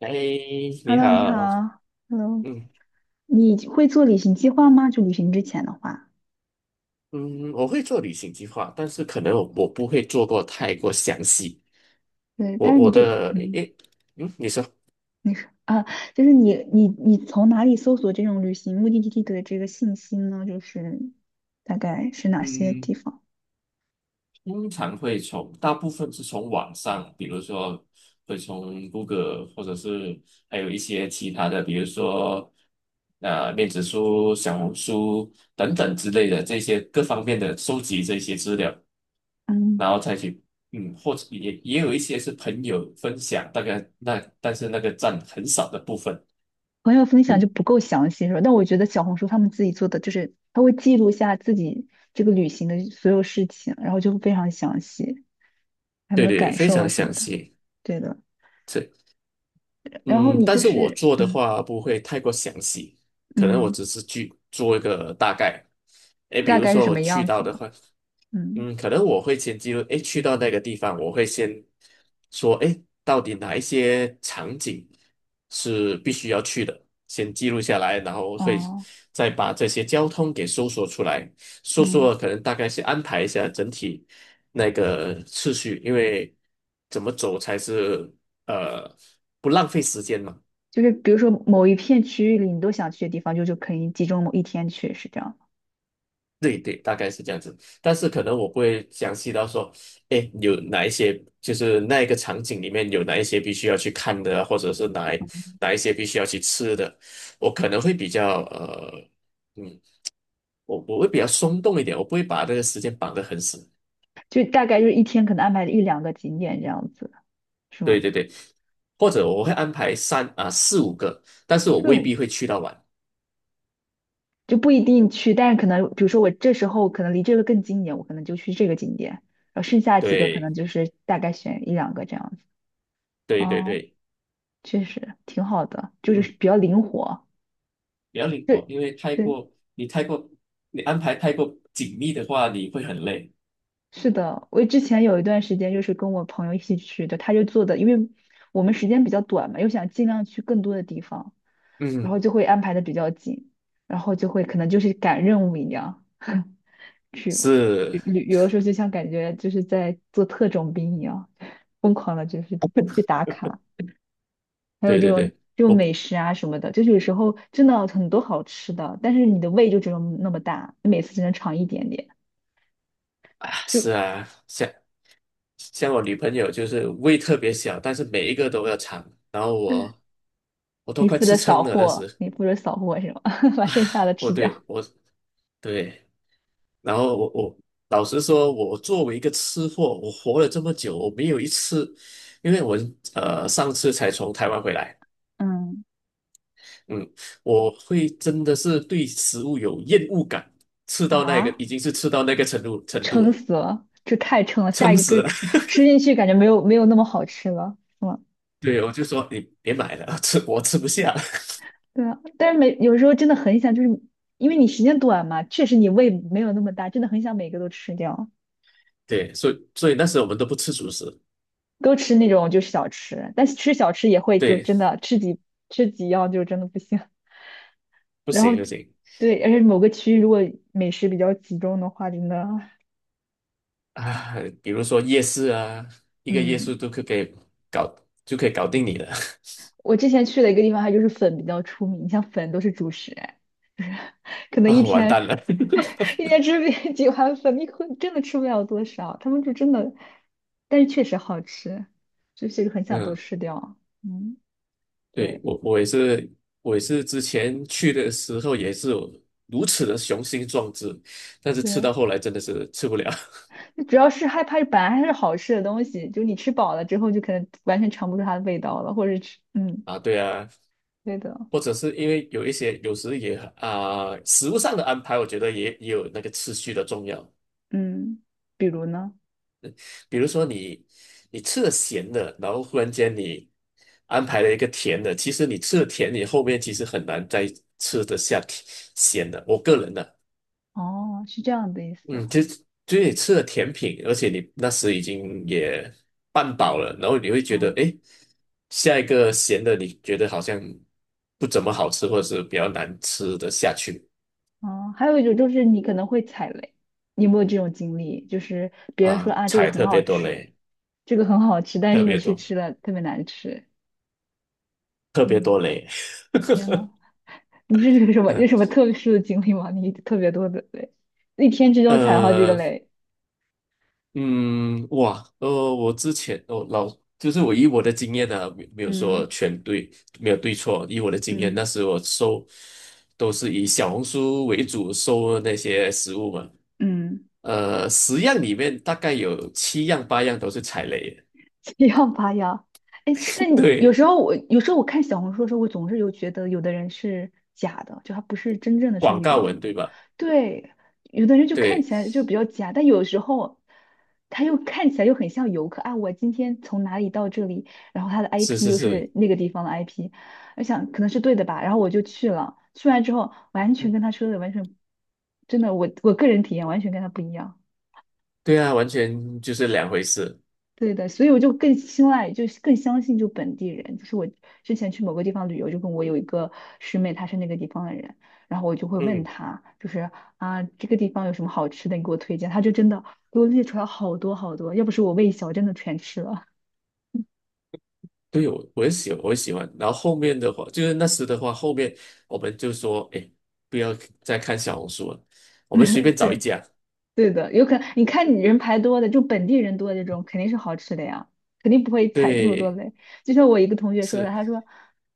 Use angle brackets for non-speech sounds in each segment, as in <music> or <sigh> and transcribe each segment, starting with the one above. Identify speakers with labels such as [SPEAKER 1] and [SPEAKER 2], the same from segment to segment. [SPEAKER 1] 哎，你
[SPEAKER 2] Hello，你
[SPEAKER 1] 好，
[SPEAKER 2] 好。Hello，
[SPEAKER 1] 嗯
[SPEAKER 2] 你会做旅行计划吗？就旅行之前的话，
[SPEAKER 1] 嗯，我会做旅行计划，但是可能我不会做过太过详细。
[SPEAKER 2] 对，
[SPEAKER 1] 我
[SPEAKER 2] 但是你
[SPEAKER 1] 我
[SPEAKER 2] 这，
[SPEAKER 1] 的
[SPEAKER 2] 嗯，
[SPEAKER 1] 诶，嗯，你说，
[SPEAKER 2] 你说，啊，就是你从哪里搜索这种旅行目的地的这个信息呢？就是大概是哪些
[SPEAKER 1] 嗯，
[SPEAKER 2] 地方？
[SPEAKER 1] 通常会从大部分是从网上，比如说会从 Google，或者是还有一些其他的，比如说面子书、小红书等等之类的这些各方面的收集这些资料。
[SPEAKER 2] 嗯，
[SPEAKER 1] 然后再去，或者也有一些是朋友分享，大概那但是那个占很少的部分。
[SPEAKER 2] 朋友分享就不够详细是吧？但我觉得小红书他们自己做的，就是他会记录下自己这个旅行的所有事情，然后就会非常详细，他们
[SPEAKER 1] 对
[SPEAKER 2] 的
[SPEAKER 1] 对，对
[SPEAKER 2] 感
[SPEAKER 1] 非
[SPEAKER 2] 受啊
[SPEAKER 1] 常
[SPEAKER 2] 什么
[SPEAKER 1] 详
[SPEAKER 2] 的。
[SPEAKER 1] 细。
[SPEAKER 2] 对的。
[SPEAKER 1] 这，
[SPEAKER 2] 然后
[SPEAKER 1] 嗯，
[SPEAKER 2] 你
[SPEAKER 1] 但
[SPEAKER 2] 就
[SPEAKER 1] 是我
[SPEAKER 2] 是
[SPEAKER 1] 做的话不会太过详细，可能我
[SPEAKER 2] 嗯，
[SPEAKER 1] 只是去做一个大概。诶，比
[SPEAKER 2] 大
[SPEAKER 1] 如
[SPEAKER 2] 概是
[SPEAKER 1] 说
[SPEAKER 2] 什
[SPEAKER 1] 我
[SPEAKER 2] 么
[SPEAKER 1] 去
[SPEAKER 2] 样
[SPEAKER 1] 到
[SPEAKER 2] 子
[SPEAKER 1] 的
[SPEAKER 2] 呢？
[SPEAKER 1] 话。
[SPEAKER 2] 嗯，
[SPEAKER 1] 可能我会先记录，诶，去到那个地方，我会先说，诶，到底哪一些场景是必须要去的，先记录下来，然后会
[SPEAKER 2] 哦，
[SPEAKER 1] 再把这些交通给搜索出来，搜
[SPEAKER 2] 嗯，
[SPEAKER 1] 索可能大概是安排一下整体那个次序，因为怎么走才是呃不浪费时间嘛。
[SPEAKER 2] 就是比如说某一片区域里你都想去的地方，就可以集中某一天去，是这样，
[SPEAKER 1] 对对，大概是这样子，但是可能我不会详细到说，哎，有哪一些，就是那一个场景里面有哪一些必须要去看的啊或者是哪一些必须要去吃的，我可能会比较嗯，我会比较松动一点，我不会把这个时间绑得很死。
[SPEAKER 2] 就大概就是一天可能安排一两个景点这样子，是
[SPEAKER 1] 对
[SPEAKER 2] 吗？
[SPEAKER 1] 对对，或者我会安排三啊四五个，但是我未
[SPEAKER 2] 就
[SPEAKER 1] 必会去到晚。
[SPEAKER 2] 就不一定去，但是可能比如说我这时候可能离这个更近一点，我可能就去这个景点，然后剩下几个可
[SPEAKER 1] 对
[SPEAKER 2] 能就是大概选一两个这样子。
[SPEAKER 1] 对对
[SPEAKER 2] 哦，
[SPEAKER 1] 对，
[SPEAKER 2] 确实挺好的，就是
[SPEAKER 1] 嗯，
[SPEAKER 2] 比较灵活。
[SPEAKER 1] 比较灵
[SPEAKER 2] 对
[SPEAKER 1] 活，因为
[SPEAKER 2] 对，
[SPEAKER 1] 太过你安排太过紧密的话，你会很累。
[SPEAKER 2] 是的，我之前有一段时间就是跟我朋友一起去的，他就做的，因为我们时间比较短嘛，又想尽量去更多的地方，然
[SPEAKER 1] 嗯，
[SPEAKER 2] 后就会安排的比较紧，然后就会可能就是赶任务一样 <laughs> 去
[SPEAKER 1] 是，
[SPEAKER 2] 旅旅游的时候，就像感觉就是在做特种兵一样，疯狂的就是去打卡，还有
[SPEAKER 1] 对
[SPEAKER 2] 这
[SPEAKER 1] 对
[SPEAKER 2] 种
[SPEAKER 1] 对，
[SPEAKER 2] 就
[SPEAKER 1] 我
[SPEAKER 2] 美食啊什么的，就是有时候真的很多好吃的，但是你的胃就只有那么大，你每次只能尝一点点，
[SPEAKER 1] 啊
[SPEAKER 2] 就
[SPEAKER 1] 是啊，像我女朋友就是胃特别小，但是每一个都要尝，然后
[SPEAKER 2] 对，
[SPEAKER 1] 我都
[SPEAKER 2] 你
[SPEAKER 1] 快
[SPEAKER 2] 负责
[SPEAKER 1] 吃
[SPEAKER 2] 扫
[SPEAKER 1] 撑了，那
[SPEAKER 2] 货，
[SPEAKER 1] 时
[SPEAKER 2] 你负责扫货是吗？<laughs> 把剩下的
[SPEAKER 1] 哦，
[SPEAKER 2] 吃
[SPEAKER 1] 对
[SPEAKER 2] 掉。
[SPEAKER 1] 我对，然后我老实说，我作为一个吃货，我活了这么久，我没有一次，因为我上次才从台湾回来，
[SPEAKER 2] 嗯，
[SPEAKER 1] 嗯，我会真的是对食物有厌恶感，吃到那个
[SPEAKER 2] 啊，
[SPEAKER 1] 已经是吃到那个程度
[SPEAKER 2] 撑
[SPEAKER 1] 了，
[SPEAKER 2] 死了，这太撑了。下
[SPEAKER 1] 撑
[SPEAKER 2] 一个
[SPEAKER 1] 死了。
[SPEAKER 2] 吃进去，感觉没有那么好吃了，是吗？
[SPEAKER 1] 对，我就说你别买了，<laughs> 吃我吃不下。
[SPEAKER 2] 对啊，但是每有时候真的很想，就是因为你时间短嘛，确实你胃没有那么大，真的很想每个都吃掉，
[SPEAKER 1] <laughs> 对，所以那时候我们都不吃主食，
[SPEAKER 2] 都吃那种就是小吃，但是吃小吃也会就
[SPEAKER 1] 对，
[SPEAKER 2] 真的吃几样就真的不行。<laughs>
[SPEAKER 1] 不
[SPEAKER 2] 然后
[SPEAKER 1] 行不行
[SPEAKER 2] 对，而且某个区域如果美食比较集中的话，真的
[SPEAKER 1] 啊，比如说夜市啊，一个夜
[SPEAKER 2] 嗯
[SPEAKER 1] 市都可以给搞就可以搞定你了
[SPEAKER 2] 我之前去的一个地方，它就是粉比较出名，像粉都是主食，哎，就是可
[SPEAKER 1] <laughs>
[SPEAKER 2] 能一
[SPEAKER 1] 啊，完
[SPEAKER 2] 天
[SPEAKER 1] 蛋了。<laughs>
[SPEAKER 2] <laughs> 一天吃 <laughs> 几碗粉，你可真的吃不了多少。他们就真的，但是确实好吃，就是很想都
[SPEAKER 1] 嗯，
[SPEAKER 2] 吃掉。嗯，
[SPEAKER 1] 对，
[SPEAKER 2] 对
[SPEAKER 1] 我也是，我也是之前去的时候也是有如此的雄心壮志，但是吃
[SPEAKER 2] 对，
[SPEAKER 1] 到后来真的是吃不了
[SPEAKER 2] 就主要是害怕本来还是好吃的东西，就你吃饱了之后，就可能完全尝不出它的味道了，或者吃，
[SPEAKER 1] <laughs>
[SPEAKER 2] 嗯，
[SPEAKER 1] 啊。对啊，
[SPEAKER 2] 对的，
[SPEAKER 1] 或者是因为有一些有时也啊、食物上的安排，我觉得也有那个次序的重要。
[SPEAKER 2] 嗯，比如呢？
[SPEAKER 1] 比如说你吃了咸的，然后忽然间你安排了一个甜的，其实你吃了甜，你后面其实很难再吃得下甜咸的。我个人的，
[SPEAKER 2] 哦，是这样的意思，
[SPEAKER 1] 嗯，就就你吃了甜品，而且你那时已经也半饱了，然后你会觉得，
[SPEAKER 2] 嗯。
[SPEAKER 1] 哎，下一个咸的你觉得好像不怎么好吃，或者是比较难吃得下去
[SPEAKER 2] 哦，还有一种就是你可能会踩雷，你有没有这种经历？就是别人说
[SPEAKER 1] 啊，
[SPEAKER 2] 啊，这个
[SPEAKER 1] 踩
[SPEAKER 2] 很
[SPEAKER 1] 特
[SPEAKER 2] 好
[SPEAKER 1] 别多
[SPEAKER 2] 吃，
[SPEAKER 1] 雷，
[SPEAKER 2] 这个很好吃，但
[SPEAKER 1] 特
[SPEAKER 2] 是你
[SPEAKER 1] 别
[SPEAKER 2] 去
[SPEAKER 1] 多，
[SPEAKER 2] 吃了特别难吃。
[SPEAKER 1] 特别
[SPEAKER 2] 嗯，
[SPEAKER 1] 多雷。
[SPEAKER 2] 天呐，你这是有什么
[SPEAKER 1] <laughs>
[SPEAKER 2] 特殊的经历吗？你特别多的雷，一天之中踩好几个
[SPEAKER 1] 呃，
[SPEAKER 2] 雷，
[SPEAKER 1] 嗯，哇，我之前就是我以我的经验呢、没有
[SPEAKER 2] 嗯
[SPEAKER 1] 说全对，没有对错。以我的经验，那
[SPEAKER 2] 嗯
[SPEAKER 1] 时我搜都是以小红书为主搜那些食物嘛，
[SPEAKER 2] 嗯，
[SPEAKER 1] 十样里面大概有七样八样都是踩雷的，
[SPEAKER 2] <laughs> 七样八呀？哎，但
[SPEAKER 1] <laughs>
[SPEAKER 2] 你有
[SPEAKER 1] 对，
[SPEAKER 2] 时候我有时候我看小红书的时候，我总是有觉得有的人是假的，就他不是真正的去
[SPEAKER 1] 广
[SPEAKER 2] 旅
[SPEAKER 1] 告
[SPEAKER 2] 游，
[SPEAKER 1] 文对吧？
[SPEAKER 2] 对，有的人就看
[SPEAKER 1] 对，
[SPEAKER 2] 起来就比较假，但有时候他又看起来又很像游客啊。我今天从哪里到这里，然后他的
[SPEAKER 1] 是
[SPEAKER 2] IP
[SPEAKER 1] 是
[SPEAKER 2] 又
[SPEAKER 1] 是，
[SPEAKER 2] 是那个地方的 IP，我想可能是对的吧，然后我就去了。去完之后，完全跟他说的完全，真的，我个人体验完全跟他不一样。
[SPEAKER 1] 对啊，完全就是两回事。
[SPEAKER 2] 对的，所以我就更青睐，就是更相信就本地人。就是我之前去某个地方旅游，就跟我有一个师妹，她是那个地方的人，然后我就会问
[SPEAKER 1] 嗯。
[SPEAKER 2] 她，就是啊，这个地方有什么好吃的，你给我推荐。她就真的给我列出来好多好多，要不是我胃小，真的全吃了。
[SPEAKER 1] 对，我也喜欢。然后后面的话，就是那时的话，后面我们就说，哎，不要再看小红书了，我们随便
[SPEAKER 2] <laughs>
[SPEAKER 1] 找一
[SPEAKER 2] 对，
[SPEAKER 1] 家。
[SPEAKER 2] 对的，有可能你看你人排多的，就本地人多的这种，肯定是好吃的呀，肯定不会踩那么多
[SPEAKER 1] 对，
[SPEAKER 2] 雷。就像我一个同学说的，
[SPEAKER 1] 是，
[SPEAKER 2] 他说，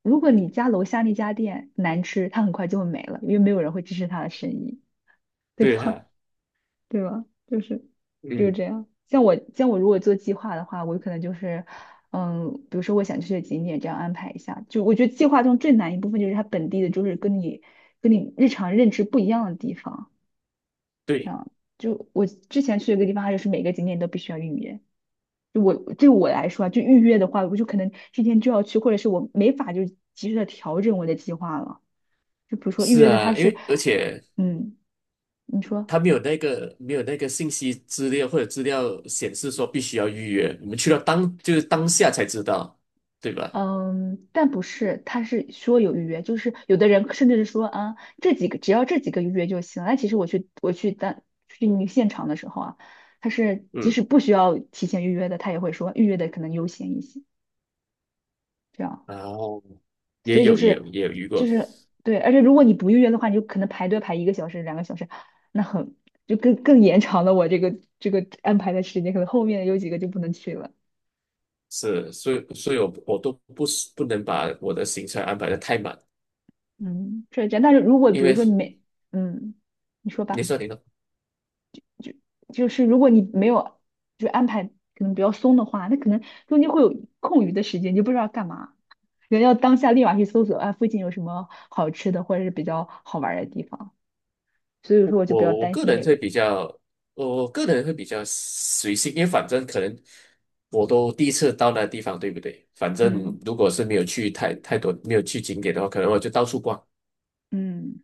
[SPEAKER 2] 如果你家楼下那家店难吃，他很快就会没了，因为没有人会支持他的生意。对吧？
[SPEAKER 1] 对
[SPEAKER 2] <laughs>
[SPEAKER 1] 哈、
[SPEAKER 2] 对吧？就是
[SPEAKER 1] 嗯，
[SPEAKER 2] 这样。像我如果做计划的话，我可能就是，嗯，比如说我想去的景点这样安排一下。就我觉得计划中最难一部分就是它本地的，就是跟你日常认知不一样的地方。这
[SPEAKER 1] 对，
[SPEAKER 2] 样，就我之前去的一个地方，它就是每个景点都必须要预约。就我对我来说啊，就预约的话，我就可能今天就要去，或者是我没法就及时的调整我的计划了。就比如说预
[SPEAKER 1] 是
[SPEAKER 2] 约的它
[SPEAKER 1] 啊，因
[SPEAKER 2] 是，
[SPEAKER 1] 为而且
[SPEAKER 2] 嗯，你说。
[SPEAKER 1] 他没有那个没有那个信息资料或者资料显示说必须要预约，我们去到当就是当下才知道，对吧？
[SPEAKER 2] 嗯，但不是，他是说有预约，就是有的人甚至是说啊，这几个只要这几个预约就行。那其实我去当去那个现场的时候啊，他是即
[SPEAKER 1] 嗯，
[SPEAKER 2] 使不需要提前预约的，他也会说预约的可能优先一些，这样。
[SPEAKER 1] 然后
[SPEAKER 2] 所
[SPEAKER 1] 也
[SPEAKER 2] 以就
[SPEAKER 1] 有也有
[SPEAKER 2] 是
[SPEAKER 1] 也有遇
[SPEAKER 2] 就
[SPEAKER 1] 过，
[SPEAKER 2] 是对，而且如果你不预约的话，你就可能排队排一个小时、两个小时，那很就更延长了我这个安排的时间，可能后面有几个就不能去了。
[SPEAKER 1] 是，所以我都不是不能把我的行程安排的太满。
[SPEAKER 2] 嗯，是这样。但是如果比
[SPEAKER 1] 因
[SPEAKER 2] 如
[SPEAKER 1] 为
[SPEAKER 2] 说你没嗯，你说
[SPEAKER 1] 你
[SPEAKER 2] 吧。
[SPEAKER 1] 说，你说，
[SPEAKER 2] 就是如果你没有就安排可能比较松的话，那可能中间会有空余的时间，你就不知道干嘛，人要当下立马去搜索啊附近有什么好吃的或者是比较好玩儿的地方，所以说我就比较
[SPEAKER 1] 我
[SPEAKER 2] 担
[SPEAKER 1] 个
[SPEAKER 2] 心
[SPEAKER 1] 人
[SPEAKER 2] 这
[SPEAKER 1] 会
[SPEAKER 2] 个。
[SPEAKER 1] 比较，我个人会比较随性，因为反正可能我都第一次到那地方，对不对？反正
[SPEAKER 2] 嗯
[SPEAKER 1] 如果是没有去太多，没有去景点的话，可能我就到处逛，
[SPEAKER 2] 嗯，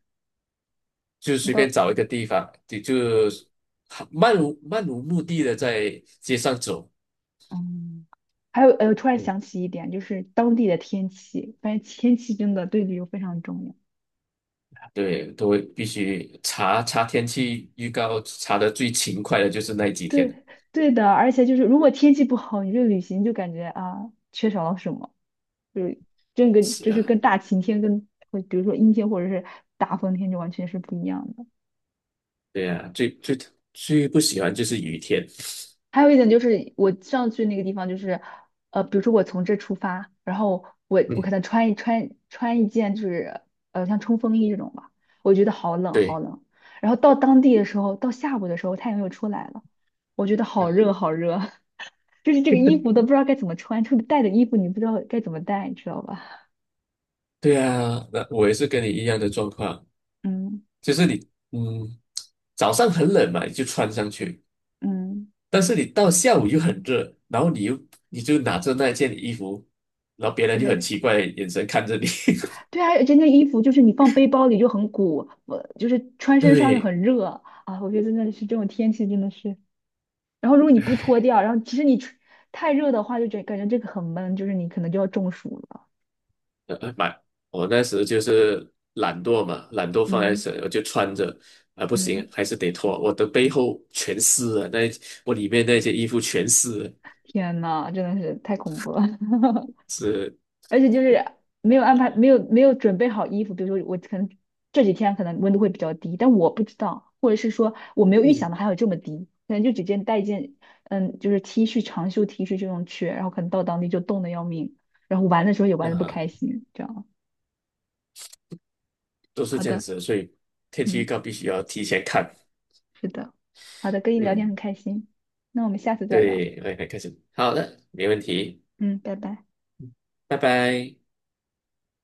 [SPEAKER 1] 就
[SPEAKER 2] 你
[SPEAKER 1] 随便
[SPEAKER 2] 到
[SPEAKER 1] 找一个地方，就漫无目的的在街上走。
[SPEAKER 2] 嗯，还有突然
[SPEAKER 1] 嗯，
[SPEAKER 2] 想起一点，就是当地的天气，发现天气真的对旅游非常重要。
[SPEAKER 1] 对，都会必须查查天气预告，查的最勤快的就是那几天了。
[SPEAKER 2] 对对的，而且就是如果天气不好，你这旅行就感觉啊缺少了什么。就是这个
[SPEAKER 1] 是
[SPEAKER 2] 就是
[SPEAKER 1] 啊，
[SPEAKER 2] 跟大晴天跟和比如说阴天或者是大风天就完全是不一样的。
[SPEAKER 1] 对啊，最不喜欢就是雨天。
[SPEAKER 2] 还有一点就是我上去那个地方就是，比如说我从这出发，然后我可
[SPEAKER 1] 嗯，
[SPEAKER 2] 能穿一件就是像冲锋衣这种吧，我觉得好冷好
[SPEAKER 1] 对。
[SPEAKER 2] 冷。然后到当地的时候，到下午的时候太阳又出来了，我觉得
[SPEAKER 1] <laughs>
[SPEAKER 2] 好
[SPEAKER 1] 啊，
[SPEAKER 2] 热好热，<laughs> 就是这个衣服都不知道该怎么穿，这个带的衣服你不知道该怎么带，你知道吧？
[SPEAKER 1] 对啊，那我也是跟你一样的状况，
[SPEAKER 2] 嗯
[SPEAKER 1] 就是你，早上很冷嘛，你就穿上去，
[SPEAKER 2] 嗯，
[SPEAKER 1] 但是你到下午又很热，然后你又你就拿着那件衣服，然后别人就很
[SPEAKER 2] 对。
[SPEAKER 1] 奇怪的眼神看着你。<laughs>
[SPEAKER 2] 对啊，而且那衣服就是你放背包里就很鼓，我就是穿身上又
[SPEAKER 1] 对，
[SPEAKER 2] 很热啊。我觉得真的是这种天气真的是，然后如果你不脱掉，然后其实你穿太热的话，就感觉这个很闷，就是你可能就要中暑了。
[SPEAKER 1] 呃，呃买，我那时就是懒惰嘛，懒惰放在
[SPEAKER 2] 嗯
[SPEAKER 1] 身，我就穿着，啊、不行，
[SPEAKER 2] 嗯，
[SPEAKER 1] 还是得脱，我的背后全湿了，那一我里面那些衣服全湿了，
[SPEAKER 2] 天呐，真的是太恐怖了。<laughs>
[SPEAKER 1] 是，
[SPEAKER 2] 而且就是没有安排，没有准备好衣服，比如说我可能这几天可能温度会比较低，但我不知道，或者是说我没有预想
[SPEAKER 1] 嗯，
[SPEAKER 2] 到还有这么低，可能就直接带一件就是 T 恤长袖 T 恤这种去，然后可能到当地就冻得要命，然后玩的时候也玩的不
[SPEAKER 1] 啊、
[SPEAKER 2] 开心，这样。
[SPEAKER 1] 都是
[SPEAKER 2] 好
[SPEAKER 1] 这样
[SPEAKER 2] 的，
[SPEAKER 1] 子的，所以天气预
[SPEAKER 2] 嗯，
[SPEAKER 1] 告必须要提前看。
[SPEAKER 2] 是的，好的，跟你聊天很
[SPEAKER 1] 嗯，
[SPEAKER 2] 开心，那我们下次再聊，
[SPEAKER 1] 对，来来开始，好的，没问题，
[SPEAKER 2] 嗯，拜拜。
[SPEAKER 1] 拜拜。